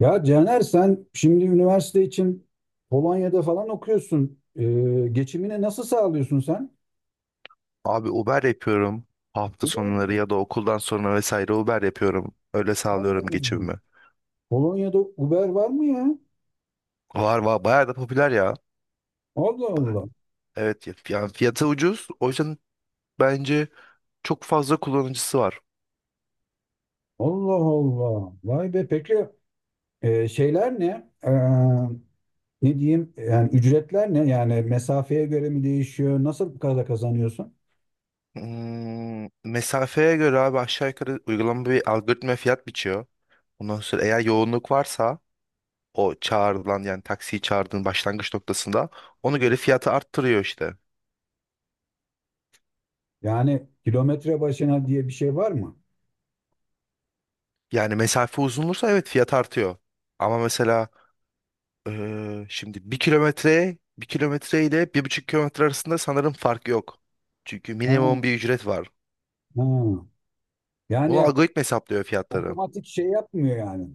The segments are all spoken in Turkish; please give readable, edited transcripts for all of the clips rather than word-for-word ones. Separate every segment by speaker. Speaker 1: Ya Caner sen şimdi üniversite için Polonya'da falan okuyorsun. Geçimini nasıl sağlıyorsun sen?
Speaker 2: Abi Uber yapıyorum. Hafta
Speaker 1: Uber
Speaker 2: sonları
Speaker 1: mi?
Speaker 2: ya da okuldan sonra vesaire Uber yapıyorum. Öyle
Speaker 1: Allah
Speaker 2: sağlıyorum
Speaker 1: Allah.
Speaker 2: geçimimi.
Speaker 1: Polonya'da Uber var mı ya?
Speaker 2: Var bayağı da popüler ya.
Speaker 1: Allah Allah.
Speaker 2: Evet yani fiyatı ucuz. O yüzden bence çok fazla kullanıcısı var.
Speaker 1: Allah Allah. Vay be, peki şeyler ne? Ne diyeyim? Yani ücretler ne? Yani mesafeye göre mi değişiyor? Nasıl bu kadar kazanıyorsun?
Speaker 2: Mesafeye göre abi aşağı yukarı uygulama bir algoritma fiyat biçiyor. Ondan sonra eğer yoğunluk varsa o çağrılan yani taksiyi çağırdığın başlangıç noktasında ona göre fiyatı arttırıyor işte.
Speaker 1: Yani kilometre başına diye bir şey var mı?
Speaker 2: Yani mesafe uzun olursa evet fiyat artıyor. Ama mesela şimdi bir kilometre ile bir buçuk kilometre arasında sanırım fark yok. Çünkü
Speaker 1: Ha,
Speaker 2: minimum bir ücret var.
Speaker 1: ha.
Speaker 2: Onu
Speaker 1: Yani
Speaker 2: algoritma hesaplıyor fiyatları.
Speaker 1: otomatik şey yapmıyor yani,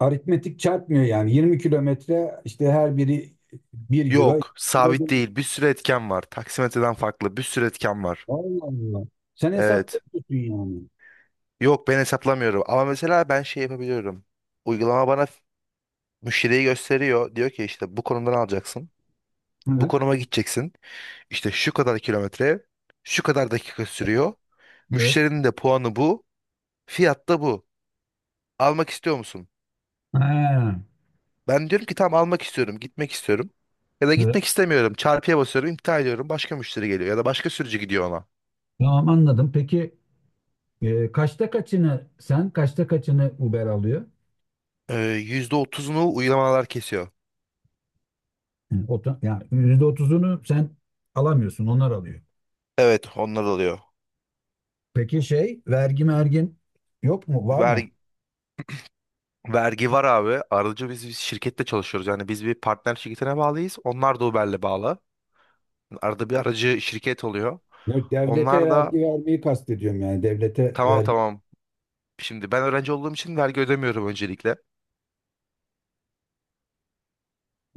Speaker 1: aritmetik çarpmıyor yani. 20 kilometre işte her biri bir euro,
Speaker 2: Yok,
Speaker 1: iki euro
Speaker 2: sabit
Speaker 1: değil.
Speaker 2: değil. Bir sürü etken var. Taksimetreden farklı bir sürü etken var.
Speaker 1: Allah Allah. Sen hesap
Speaker 2: Evet.
Speaker 1: yapıyorsun yani.
Speaker 2: Yok, ben hesaplamıyorum. Ama mesela ben şey yapabiliyorum. Uygulama bana müşteriyi gösteriyor. Diyor ki işte bu konumdan alacaksın. Bu
Speaker 1: Evet.
Speaker 2: konuma gideceksin. İşte şu kadar kilometre, şu kadar dakika sürüyor.
Speaker 1: Evet.
Speaker 2: Müşterinin de puanı bu. Fiyat da bu. Almak istiyor musun?
Speaker 1: Ha,
Speaker 2: Ben diyorum ki tamam, almak istiyorum, gitmek istiyorum. Ya da
Speaker 1: evet.
Speaker 2: gitmek istemiyorum. Çarpıya basıyorum, iptal ediyorum. Başka müşteri geliyor ya da başka sürücü gidiyor ona.
Speaker 1: Tamam, anladım. Peki kaçta kaçını sen, kaçta kaçını Uber alıyor?
Speaker 2: %30'unu uygulamalar kesiyor.
Speaker 1: Hı, Yani %30'unu sen alamıyorsun, onlar alıyor.
Speaker 2: Evet, onlar alıyor.
Speaker 1: Peki şey, vergi mergin yok mu? Var mı?
Speaker 2: Vergi, vergi var abi. Aracı biz şirkette çalışıyoruz. Yani biz bir partner şirketine bağlıyız. Onlar da Uber'le bağlı. Arada bir aracı şirket oluyor.
Speaker 1: Yok, devlete
Speaker 2: Onlar
Speaker 1: vergi
Speaker 2: da
Speaker 1: vermeyi kastediyorum yani. Devlete
Speaker 2: tamam,
Speaker 1: vergi
Speaker 2: tamam. Şimdi ben öğrenci olduğum için vergi ödemiyorum öncelikle.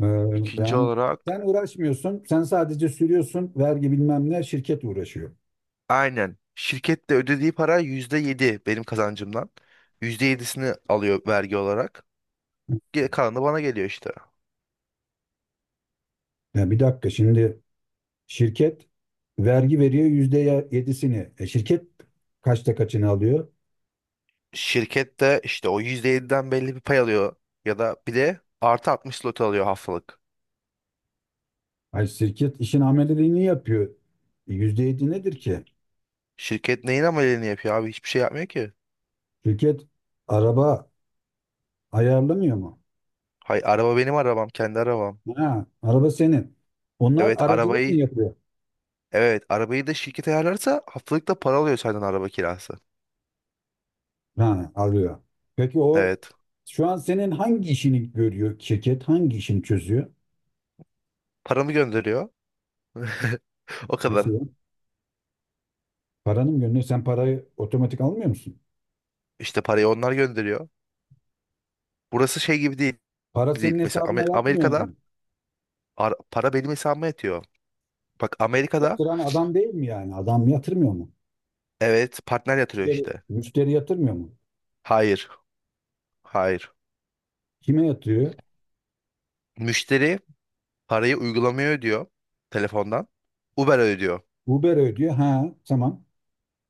Speaker 1: Ee,
Speaker 2: İkinci
Speaker 1: yani
Speaker 2: olarak.
Speaker 1: sen uğraşmıyorsun, sen sadece sürüyorsun, vergi bilmem ne, şirket uğraşıyor.
Speaker 2: Aynen. Şirket de ödediği para %7 benim kazancımdan. %7'sini alıyor vergi olarak. Geri kalanı da bana geliyor işte.
Speaker 1: Ya bir dakika şimdi, şirket vergi veriyor yüzde yedisini. E şirket kaçta kaçını alıyor?
Speaker 2: Şirket de işte o %7'den belli bir pay alıyor. Ya da bir de artı 60 slot alıyor haftalık.
Speaker 1: Ay, şirket işin ameliyatını yapıyor. Yüzde yedi nedir ki?
Speaker 2: Şirket neyin ameliyatını yapıyor abi? Hiçbir şey yapmıyor ki.
Speaker 1: Şirket araba ayarlamıyor mu?
Speaker 2: Hay, araba benim arabam. Kendi arabam.
Speaker 1: Ha, araba senin. Onlar
Speaker 2: Evet
Speaker 1: aracılık mı
Speaker 2: arabayı
Speaker 1: yapıyor?
Speaker 2: evet, arabayı da şirket ayarlarsa haftalık da para alıyor senden araba kirası.
Speaker 1: Ha, alıyor. Peki o
Speaker 2: Evet.
Speaker 1: şu an senin hangi işini görüyor? Şirket hangi işini çözüyor?
Speaker 2: Paramı gönderiyor. O
Speaker 1: Nasıl
Speaker 2: kadar.
Speaker 1: ya? Paranın gönlü, sen parayı otomatik almıyor musun?
Speaker 2: İşte parayı onlar gönderiyor. Burası şey gibi değil.
Speaker 1: Para
Speaker 2: değil.
Speaker 1: senin
Speaker 2: Mesela
Speaker 1: hesabına yatmıyor
Speaker 2: Amerika'da
Speaker 1: mu?
Speaker 2: para benim hesabıma yatıyor. Bak, Amerika'da
Speaker 1: Yatıran adam değil mi yani? Adam yatırmıyor mu?
Speaker 2: evet partner yatırıyor
Speaker 1: Müşteri,
Speaker 2: işte.
Speaker 1: müşteri yatırmıyor mu?
Speaker 2: Hayır. Hayır.
Speaker 1: Kime yatırıyor?
Speaker 2: Müşteri parayı uygulamaya ödüyor telefondan. Uber ödüyor.
Speaker 1: Uber ödüyor. Ha, tamam.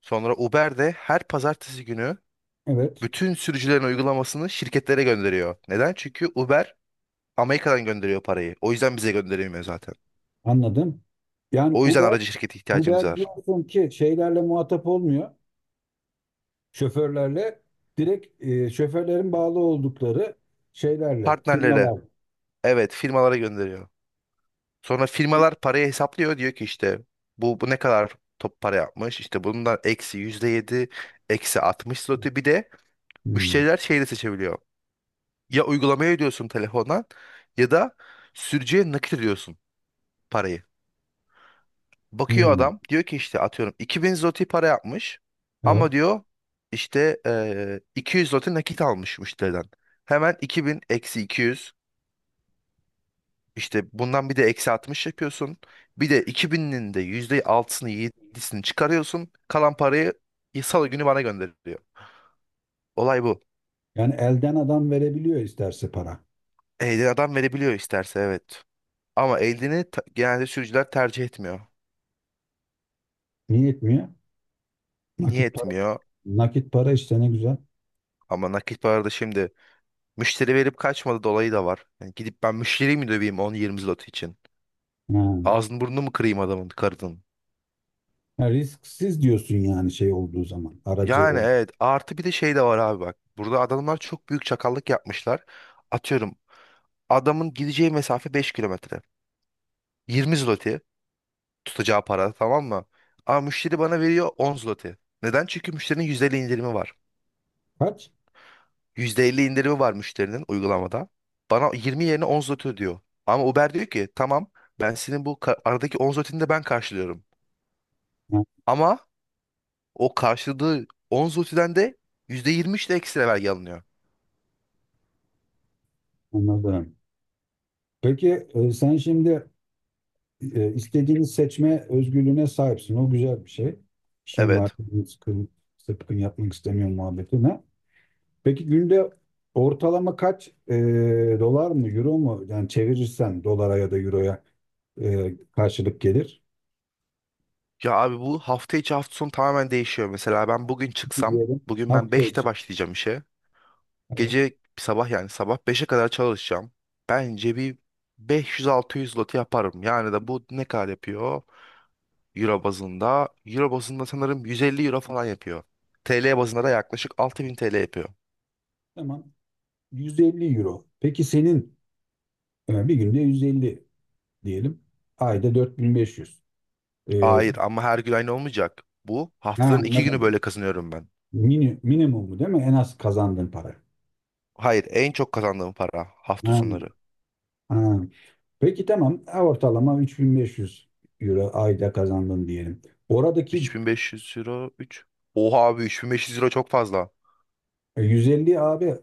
Speaker 2: Sonra Uber de her pazartesi günü
Speaker 1: Evet,
Speaker 2: bütün sürücülerin uygulamasını şirketlere gönderiyor. Neden? Çünkü Uber Amerika'dan gönderiyor parayı. O yüzden bize gönderemiyor zaten.
Speaker 1: anladım. Yani
Speaker 2: O yüzden
Speaker 1: Uber,
Speaker 2: aracı şirketi ihtiyacımız
Speaker 1: Uber
Speaker 2: var.
Speaker 1: diyorsun ki şeylerle muhatap olmuyor. Şoförlerle direkt şoförlerin bağlı oldukları şeylerle,
Speaker 2: Partnerlere,
Speaker 1: firmalar.
Speaker 2: evet, firmalara gönderiyor. Sonra firmalar parayı hesaplıyor. Diyor ki işte bu ne kadar top para yapmış. İşte bundan eksi yüzde yedi, eksi 60 slotu. Bir de
Speaker 1: Hmm,
Speaker 2: müşteriler şeyi de seçebiliyor. Ya uygulamaya ödüyorsun telefondan, ya da sürücüye nakit ediyorsun parayı. Bakıyor
Speaker 1: hmm,
Speaker 2: adam, diyor ki işte atıyorum 2000 zloty para yapmış,
Speaker 1: evet.
Speaker 2: ama diyor işte 200 zloty nakit almış müşteriden. Hemen 2000 eksi 200. İşte bundan bir de eksi 60 yapıyorsun. Bir de 2000'inin de yüzde altısını yedisini çıkarıyorsun. Kalan parayı salı günü bana gönderiyor. Olay bu.
Speaker 1: Yani elden adam verebiliyor isterse para.
Speaker 2: Elden adam verebiliyor isterse, evet. Ama genelde sürücüler tercih etmiyor.
Speaker 1: Niye etmiyor?
Speaker 2: Niye
Speaker 1: Nakit,
Speaker 2: etmiyor?
Speaker 1: nakit para işte ne güzel.
Speaker 2: Ama nakit parada şimdi müşteri verip kaçmadı dolayı da var. Yani gidip ben müşteriyi mi döveyim on yirmi zlot için?
Speaker 1: Ha.
Speaker 2: Ağzını burnunu mu kırayım adamın karının?
Speaker 1: Ha, risksiz diyorsun yani şey olduğu zaman. Aracı
Speaker 2: Yani
Speaker 1: olduğu.
Speaker 2: evet, artı bir de şey de var abi, bak. Burada adamlar çok büyük çakallık yapmışlar. Atıyorum, adamın gideceği mesafe 5 kilometre. 20 zloty tutacağı para, tamam mı? Ama müşteri bana veriyor 10 zloty. Neden? Çünkü müşterinin %50 indirimi var.
Speaker 1: Kaç?
Speaker 2: %50 indirimi var müşterinin uygulamada. Bana 20 yerine 10 zloty ödüyor. Ama Uber diyor ki tamam, ben senin bu aradaki 10 zlotyni de ben karşılıyorum.
Speaker 1: Ha,
Speaker 2: Ama o karşıladığı 10 zlotyden de %23 de ekstra vergi alınıyor.
Speaker 1: anladım. Peki sen şimdi istediğini seçme özgürlüğüne sahipsin. O güzel bir şey. İşin var.
Speaker 2: Evet.
Speaker 1: Sıkın, sıkın yapmak istemiyorum muhabbetine. Peki günde ortalama kaç dolar mı, euro mu? Yani çevirirsen dolara ya da euroya karşılık gelir.
Speaker 2: Ya abi, bu hafta içi hafta sonu tamamen değişiyor. Mesela ben bugün çıksam,
Speaker 1: Diyelim.
Speaker 2: bugün ben
Speaker 1: Hafta
Speaker 2: 5'te
Speaker 1: için.
Speaker 2: başlayacağım işe.
Speaker 1: Evet.
Speaker 2: Gece sabah yani sabah beşe kadar çalışacağım. Bence bir 500-600 lot yaparım. Yani de bu ne kadar yapıyor? Euro bazında sanırım 150 euro falan yapıyor. TL bazında da yaklaşık 6000 TL yapıyor.
Speaker 1: Tamam. Yüz elli euro. Peki senin, yani bir günde 150 diyelim. Ayda 4500. Ee,
Speaker 2: Hayır, ama her gün aynı olmayacak. Bu
Speaker 1: ha,
Speaker 2: haftanın 2 günü
Speaker 1: anladım.
Speaker 2: böyle kazanıyorum ben.
Speaker 1: Mini, minimumu değil mi? En az kazandığın para.
Speaker 2: Hayır, en çok kazandığım para hafta
Speaker 1: Ha,
Speaker 2: sonları.
Speaker 1: ha. Peki tamam. Ha, ortalama 3500 euro ayda kazandın diyelim. Oradaki
Speaker 2: 3500 euro, 3. Oha abi, 3500 euro çok fazla.
Speaker 1: 150 abi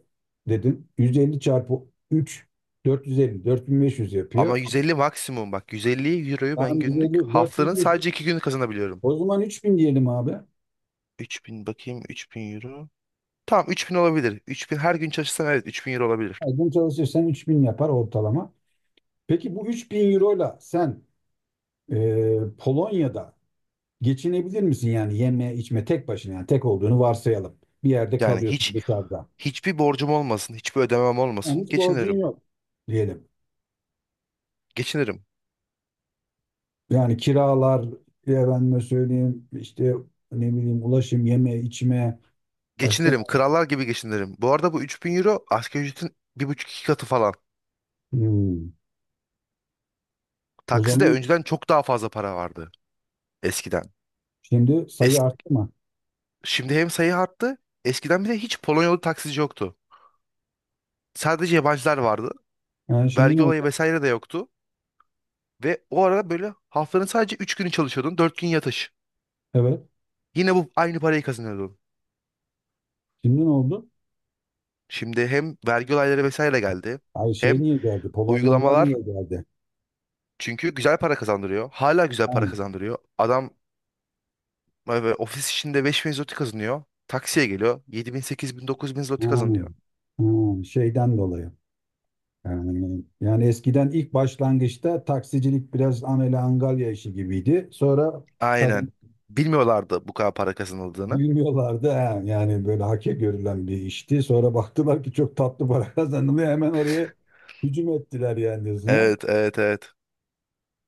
Speaker 1: dedin. 150 çarpı 3, 450 4500
Speaker 2: Ama
Speaker 1: yapıyor.
Speaker 2: 150 maksimum, bak, 150 euroyu ben
Speaker 1: Tamam,
Speaker 2: günlük
Speaker 1: 150,
Speaker 2: haftanın
Speaker 1: 4500.
Speaker 2: sadece 2 günü kazanabiliyorum.
Speaker 1: O zaman 3000 diyelim abi.
Speaker 2: 3000, bakayım, 3000 euro. Tamam, 3000 olabilir. 3000 her gün çalışsam, evet, 3000 euro olabilir.
Speaker 1: Aydın çalışırsan 3000 yapar ortalama. Peki bu 3000 ile sen Polonya'da geçinebilir misin yani yeme içme, tek başına yani, tek olduğunu varsayalım. Bir yerde
Speaker 2: Yani
Speaker 1: kalıyorsun
Speaker 2: hiç
Speaker 1: dışarıda.
Speaker 2: hiçbir borcum olmasın, hiçbir ödemem
Speaker 1: Yani
Speaker 2: olmasın.
Speaker 1: hiç borcun
Speaker 2: Geçinirim.
Speaker 1: yok diyelim.
Speaker 2: Geçinirim.
Speaker 1: Yani kiralar, efendime söyleyeyim, işte ne bileyim, ulaşım, yeme, içme, başka.
Speaker 2: Geçinirim. Krallar gibi geçinirim. Bu arada bu 3000 euro asgari ücretin bir buçuk iki katı falan.
Speaker 1: Hmm. O
Speaker 2: Takside
Speaker 1: zaman
Speaker 2: önceden çok daha fazla para vardı eskiden.
Speaker 1: şimdi sayı
Speaker 2: Es
Speaker 1: arttı mı?
Speaker 2: Şimdi hem sayı arttı. Eskiden bir de hiç Polonyalı taksici yoktu. Sadece yabancılar vardı.
Speaker 1: Yani şimdi ne
Speaker 2: Vergi
Speaker 1: oldu?
Speaker 2: olayı vesaire de yoktu. Ve o arada böyle haftanın sadece 3 günü çalışıyordun. Dört gün yatış.
Speaker 1: Evet.
Speaker 2: Yine bu aynı parayı kazanıyordun.
Speaker 1: Şimdi ne oldu?
Speaker 2: Şimdi hem vergi olayları vesaire geldi.
Speaker 1: Ay şey,
Speaker 2: Hem
Speaker 1: niye geldi? Polonyalılar
Speaker 2: uygulamalar,
Speaker 1: niye geldi?
Speaker 2: çünkü güzel para kazandırıyor. Hala güzel
Speaker 1: Ha,
Speaker 2: para kazandırıyor. Adam ofis içinde 5000 zloty kazanıyor. Taksiye geliyor. 7000, sekiz bin, 8000, bin
Speaker 1: ha,
Speaker 2: zloty kazanıyor.
Speaker 1: ha, şeyden dolayı. Yani eskiden ilk başlangıçta taksicilik biraz amele angalya işi gibiydi. Sonra kazan
Speaker 2: Aynen. Bilmiyorlardı bu kadar para kazanıldığını.
Speaker 1: bilmiyorlardı. He. Yani böyle hake görülen bir işti. Sonra baktılar ki çok tatlı para kazanılıyor. Hemen oraya hücum ettiler yani yüzüne.
Speaker 2: Evet, evet, evet.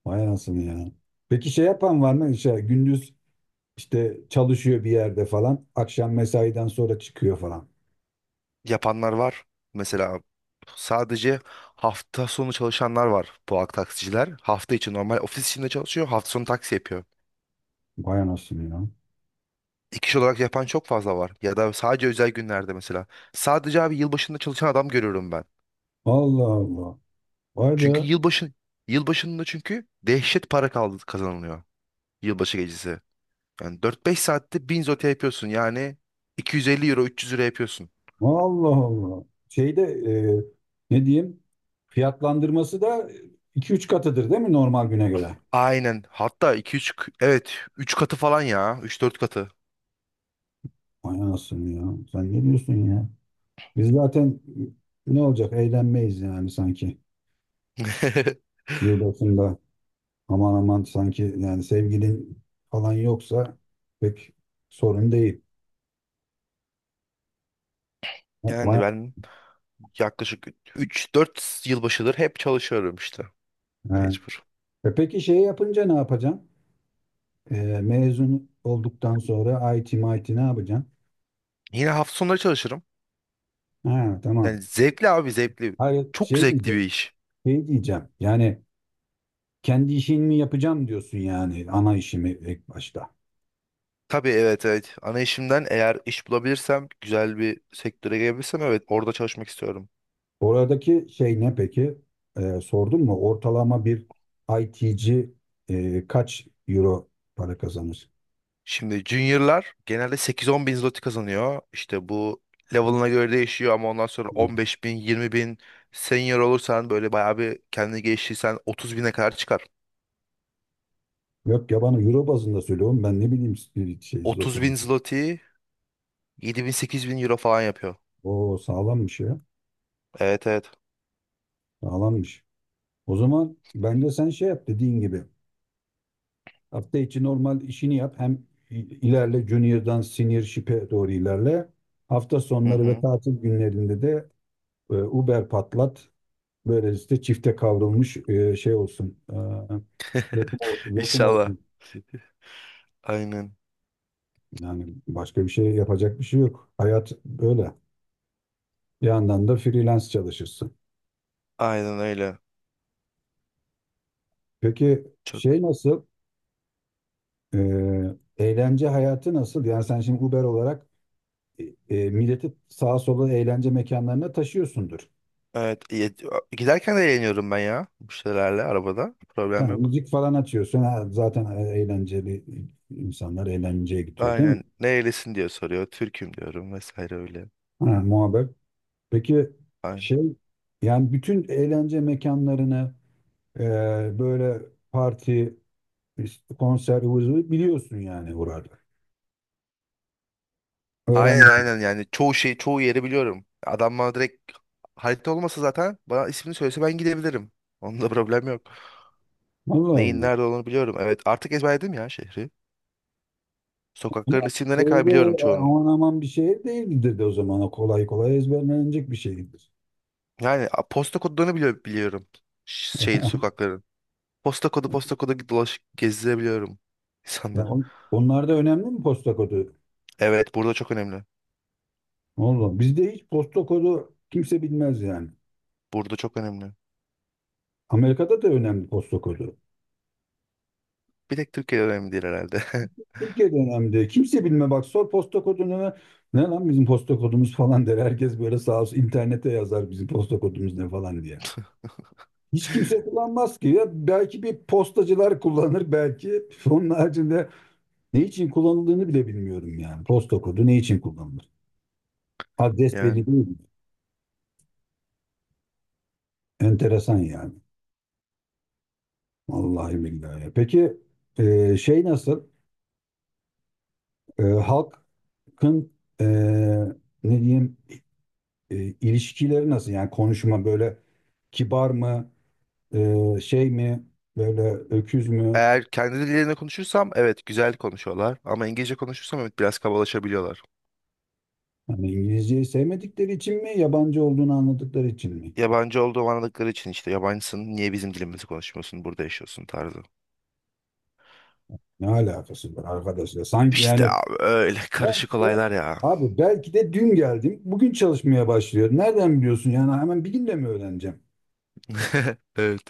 Speaker 1: Vay anasını ya. Peki şey yapan var mı? Şey, gündüz işte çalışıyor bir yerde falan, akşam mesaiden sonra çıkıyor falan.
Speaker 2: Yapanlar var. Mesela sadece hafta sonu çalışanlar var, bu taksiciler. Hafta içi normal ofis içinde çalışıyor. Hafta sonu taksi yapıyor.
Speaker 1: Vay anasını ya.
Speaker 2: İki kişi olarak yapan çok fazla var. Ya da sadece özel günlerde mesela. Sadece abi yılbaşında çalışan adam görüyorum ben.
Speaker 1: Allah Allah. Vay
Speaker 2: Çünkü
Speaker 1: be.
Speaker 2: yılbaşı yılbaşında çünkü dehşet para kaldı kazanılıyor. Yılbaşı gecesi. Yani dört beş saatte 1000 zote yapıyorsun. Yani 250 euro, 300 lira yapıyorsun.
Speaker 1: Allah Allah. Şeyde ne diyeyim, fiyatlandırması da iki üç katıdır değil mi normal güne göre?
Speaker 2: Aynen. Hatta iki üç evet, üç katı falan ya. Üç dört katı.
Speaker 1: Vay anasını ya. Sen ne diyorsun ya? Biz zaten ne olacak? Eğlenmeyiz yani sanki. Yılbaşında aman aman sanki, yani sevgilin falan yoksa pek sorun değil.
Speaker 2: Yani
Speaker 1: Vay,
Speaker 2: ben yaklaşık 3-4 yılbaşıdır hep çalışıyorum işte.
Speaker 1: he.
Speaker 2: Mecbur.
Speaker 1: E peki şey yapınca ne yapacaksın? Mezun olduktan sonra IT MIT ne yapacaksın?
Speaker 2: Yine hafta sonları çalışırım.
Speaker 1: Ha tamam.
Speaker 2: Yani zevkli abi, zevkli.
Speaker 1: Hayır
Speaker 2: Çok
Speaker 1: şey
Speaker 2: zevkli bir
Speaker 1: diyeceğim.
Speaker 2: iş.
Speaker 1: Şey diyeceğim. Yani kendi işini mi yapacağım diyorsun yani, ana işimi ilk başta.
Speaker 2: Tabii, evet, evet. Ana işimden eğer iş bulabilirsem, güzel bir sektöre gelebilirsem, evet, orada çalışmak istiyorum.
Speaker 1: Oradaki şey ne peki? Sordun mu? Ortalama bir IT'ci kaç euro para kazanır?
Speaker 2: Şimdi juniorlar genelde 8-10 bin zloty kazanıyor. İşte bu level'ına göre değişiyor, ama ondan sonra
Speaker 1: Evet.
Speaker 2: 15 bin, 20 bin, senior olursan böyle bayağı bir kendini geliştirirsen 30 bine kadar çıkar.
Speaker 1: Yok ya, bana euro bazında söylüyorum. Ben ne bileyim spirit şey
Speaker 2: 30 bin
Speaker 1: zotin.
Speaker 2: zloty 7000, 8000 euro falan yapıyor.
Speaker 1: O sağlammış ya.
Speaker 2: Evet, evet.
Speaker 1: Sağlammış. O zaman bence sen şey yap, dediğin gibi. Hafta içi normal işini yap. Hem ilerle, junior'dan senior ship'e doğru ilerle. Hafta
Speaker 2: Hı
Speaker 1: sonları ve
Speaker 2: hı.
Speaker 1: tatil günlerinde de Uber patlat. Böylece çifte kavrulmuş şey olsun. E, lokum, lokum
Speaker 2: İnşallah.
Speaker 1: olsun.
Speaker 2: Aynen.
Speaker 1: Yani başka bir şey yapacak bir şey yok. Hayat böyle. Bir yandan da freelance çalışırsın.
Speaker 2: Aynen öyle.
Speaker 1: Peki
Speaker 2: Çok
Speaker 1: şey nasıl? E, Eğlence hayatı nasıl? Yani sen şimdi Uber olarak e, milleti sağa sola eğlence mekanlarına taşıyorsundur.
Speaker 2: Evet. Giderken de eğleniyorum ben ya. Bu şeylerle arabada. Problem
Speaker 1: Tamam,
Speaker 2: yok.
Speaker 1: müzik falan açıyorsun. Ha, zaten eğlenceli insanlar eğlenceye gidiyor değil mi?
Speaker 2: Aynen. Nerelisin diye soruyor. Türk'üm diyorum vesaire öyle.
Speaker 1: Ha, muhabbet. Peki
Speaker 2: Aynen.
Speaker 1: şey, yani bütün eğlence mekanlarını böyle parti, işte konser, ıvı zıvı biliyorsun yani buraları.
Speaker 2: Aynen,
Speaker 1: Öğrendim.
Speaker 2: aynen, yani çoğu yeri biliyorum. Adam bana direkt, harita olmasa zaten bana ismini söylese ben gidebilirim. Onda problem yok.
Speaker 1: Allah
Speaker 2: Neyin
Speaker 1: Allah.
Speaker 2: nerede olduğunu biliyorum. Evet, artık ezberledim ya şehri.
Speaker 1: Ama
Speaker 2: Sokakların isimlerine kadar
Speaker 1: şeyde
Speaker 2: biliyorum çoğunun.
Speaker 1: aman aman bir şey değildir de o zaman. O kolay kolay ezberlenecek bir şeydir.
Speaker 2: Yani posta kodlarını biliyorum. Şey, sokakların. Posta kodu, posta kodu dolaşıp gezdirebiliyorum
Speaker 1: Ya
Speaker 2: insanları.
Speaker 1: onlar da önemli mi, posta kodu?
Speaker 2: Evet, burada çok önemli.
Speaker 1: Oğlum bizde hiç posta kodu kimse bilmez yani.
Speaker 2: Burada çok önemli.
Speaker 1: Amerika'da da önemli posta kodu.
Speaker 2: Bir tek Türkiye önemli değil herhalde.
Speaker 1: Türkiye'de önemli. Kimse bilme bak sor posta kodunu, ne, ne lan bizim posta kodumuz falan der. Herkes böyle sağ olsun internete yazar, bizim posta kodumuz ne falan diye. Hiç kimse kullanmaz ki ya. Belki bir postacılar kullanır belki. Onun haricinde ne için kullanıldığını bile bilmiyorum yani. Posta kodu ne için kullanılır? Adres belli
Speaker 2: Yani.
Speaker 1: değil mi? Enteresan yani. Vallahi billahi. Peki şey nasıl? Halkın e, ne diyeyim, ilişkileri nasıl? Yani konuşma böyle kibar mı? Şey mi? Böyle öküz mü?
Speaker 2: Eğer kendi dillerinde konuşursam evet güzel konuşuyorlar. Ama İngilizce konuşursam evet biraz kabalaşabiliyorlar.
Speaker 1: Hani İngilizceyi sevmedikleri için mi? Yabancı olduğunu anladıkları için mi?
Speaker 2: Yabancı olduğum anladıkları için işte, yabancısın niye bizim dilimizi konuşmuyorsun, burada yaşıyorsun tarzı.
Speaker 1: Ne alakası var arkadaşlar? Sanki
Speaker 2: İşte
Speaker 1: yani,
Speaker 2: abi öyle karışık
Speaker 1: belki de,
Speaker 2: olaylar ya.
Speaker 1: abi belki de dün geldim. Bugün çalışmaya başlıyor. Nereden biliyorsun? Yani hemen bir günde mi öğreneceğim?
Speaker 2: Evet.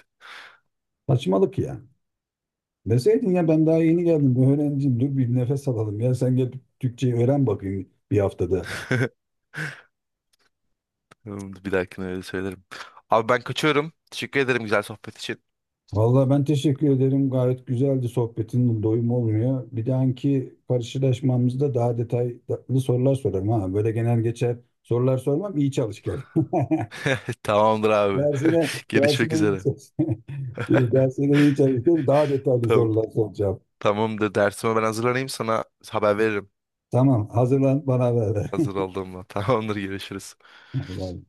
Speaker 1: Saçmalık ya. Deseydin ya, ben daha yeni geldim. Öğrenciyim. Dur bir nefes alalım. Ya sen gel Türkçeyi öğren bakayım bir haftada.
Speaker 2: Tamamdır, bir dahakine öyle söylerim. Abi ben kaçıyorum. Teşekkür ederim güzel sohbet için.
Speaker 1: Vallahi ben teşekkür ederim. Gayet güzeldi sohbetin. Doyum olmuyor. Bir dahaki karşılaşmamızda daha detaylı sorular sorarım ha. Böyle genel geçer sorular sormam. İyi çalış gel.
Speaker 2: Tamamdır abi.
Speaker 1: Dersine,
Speaker 2: Görüşmek
Speaker 1: dersine iyi
Speaker 2: üzere.
Speaker 1: çalış. Ben iyi çalıştım. Daha detaylı
Speaker 2: Tamam.
Speaker 1: sorular soracağım.
Speaker 2: Tamamdır. Dersime ben hazırlanayım, sana haber veririm.
Speaker 1: Tamam, hazırlan bana ver.
Speaker 2: Hazır olduğumda. Tamamdır, görüşürüz.
Speaker 1: Allah'ım.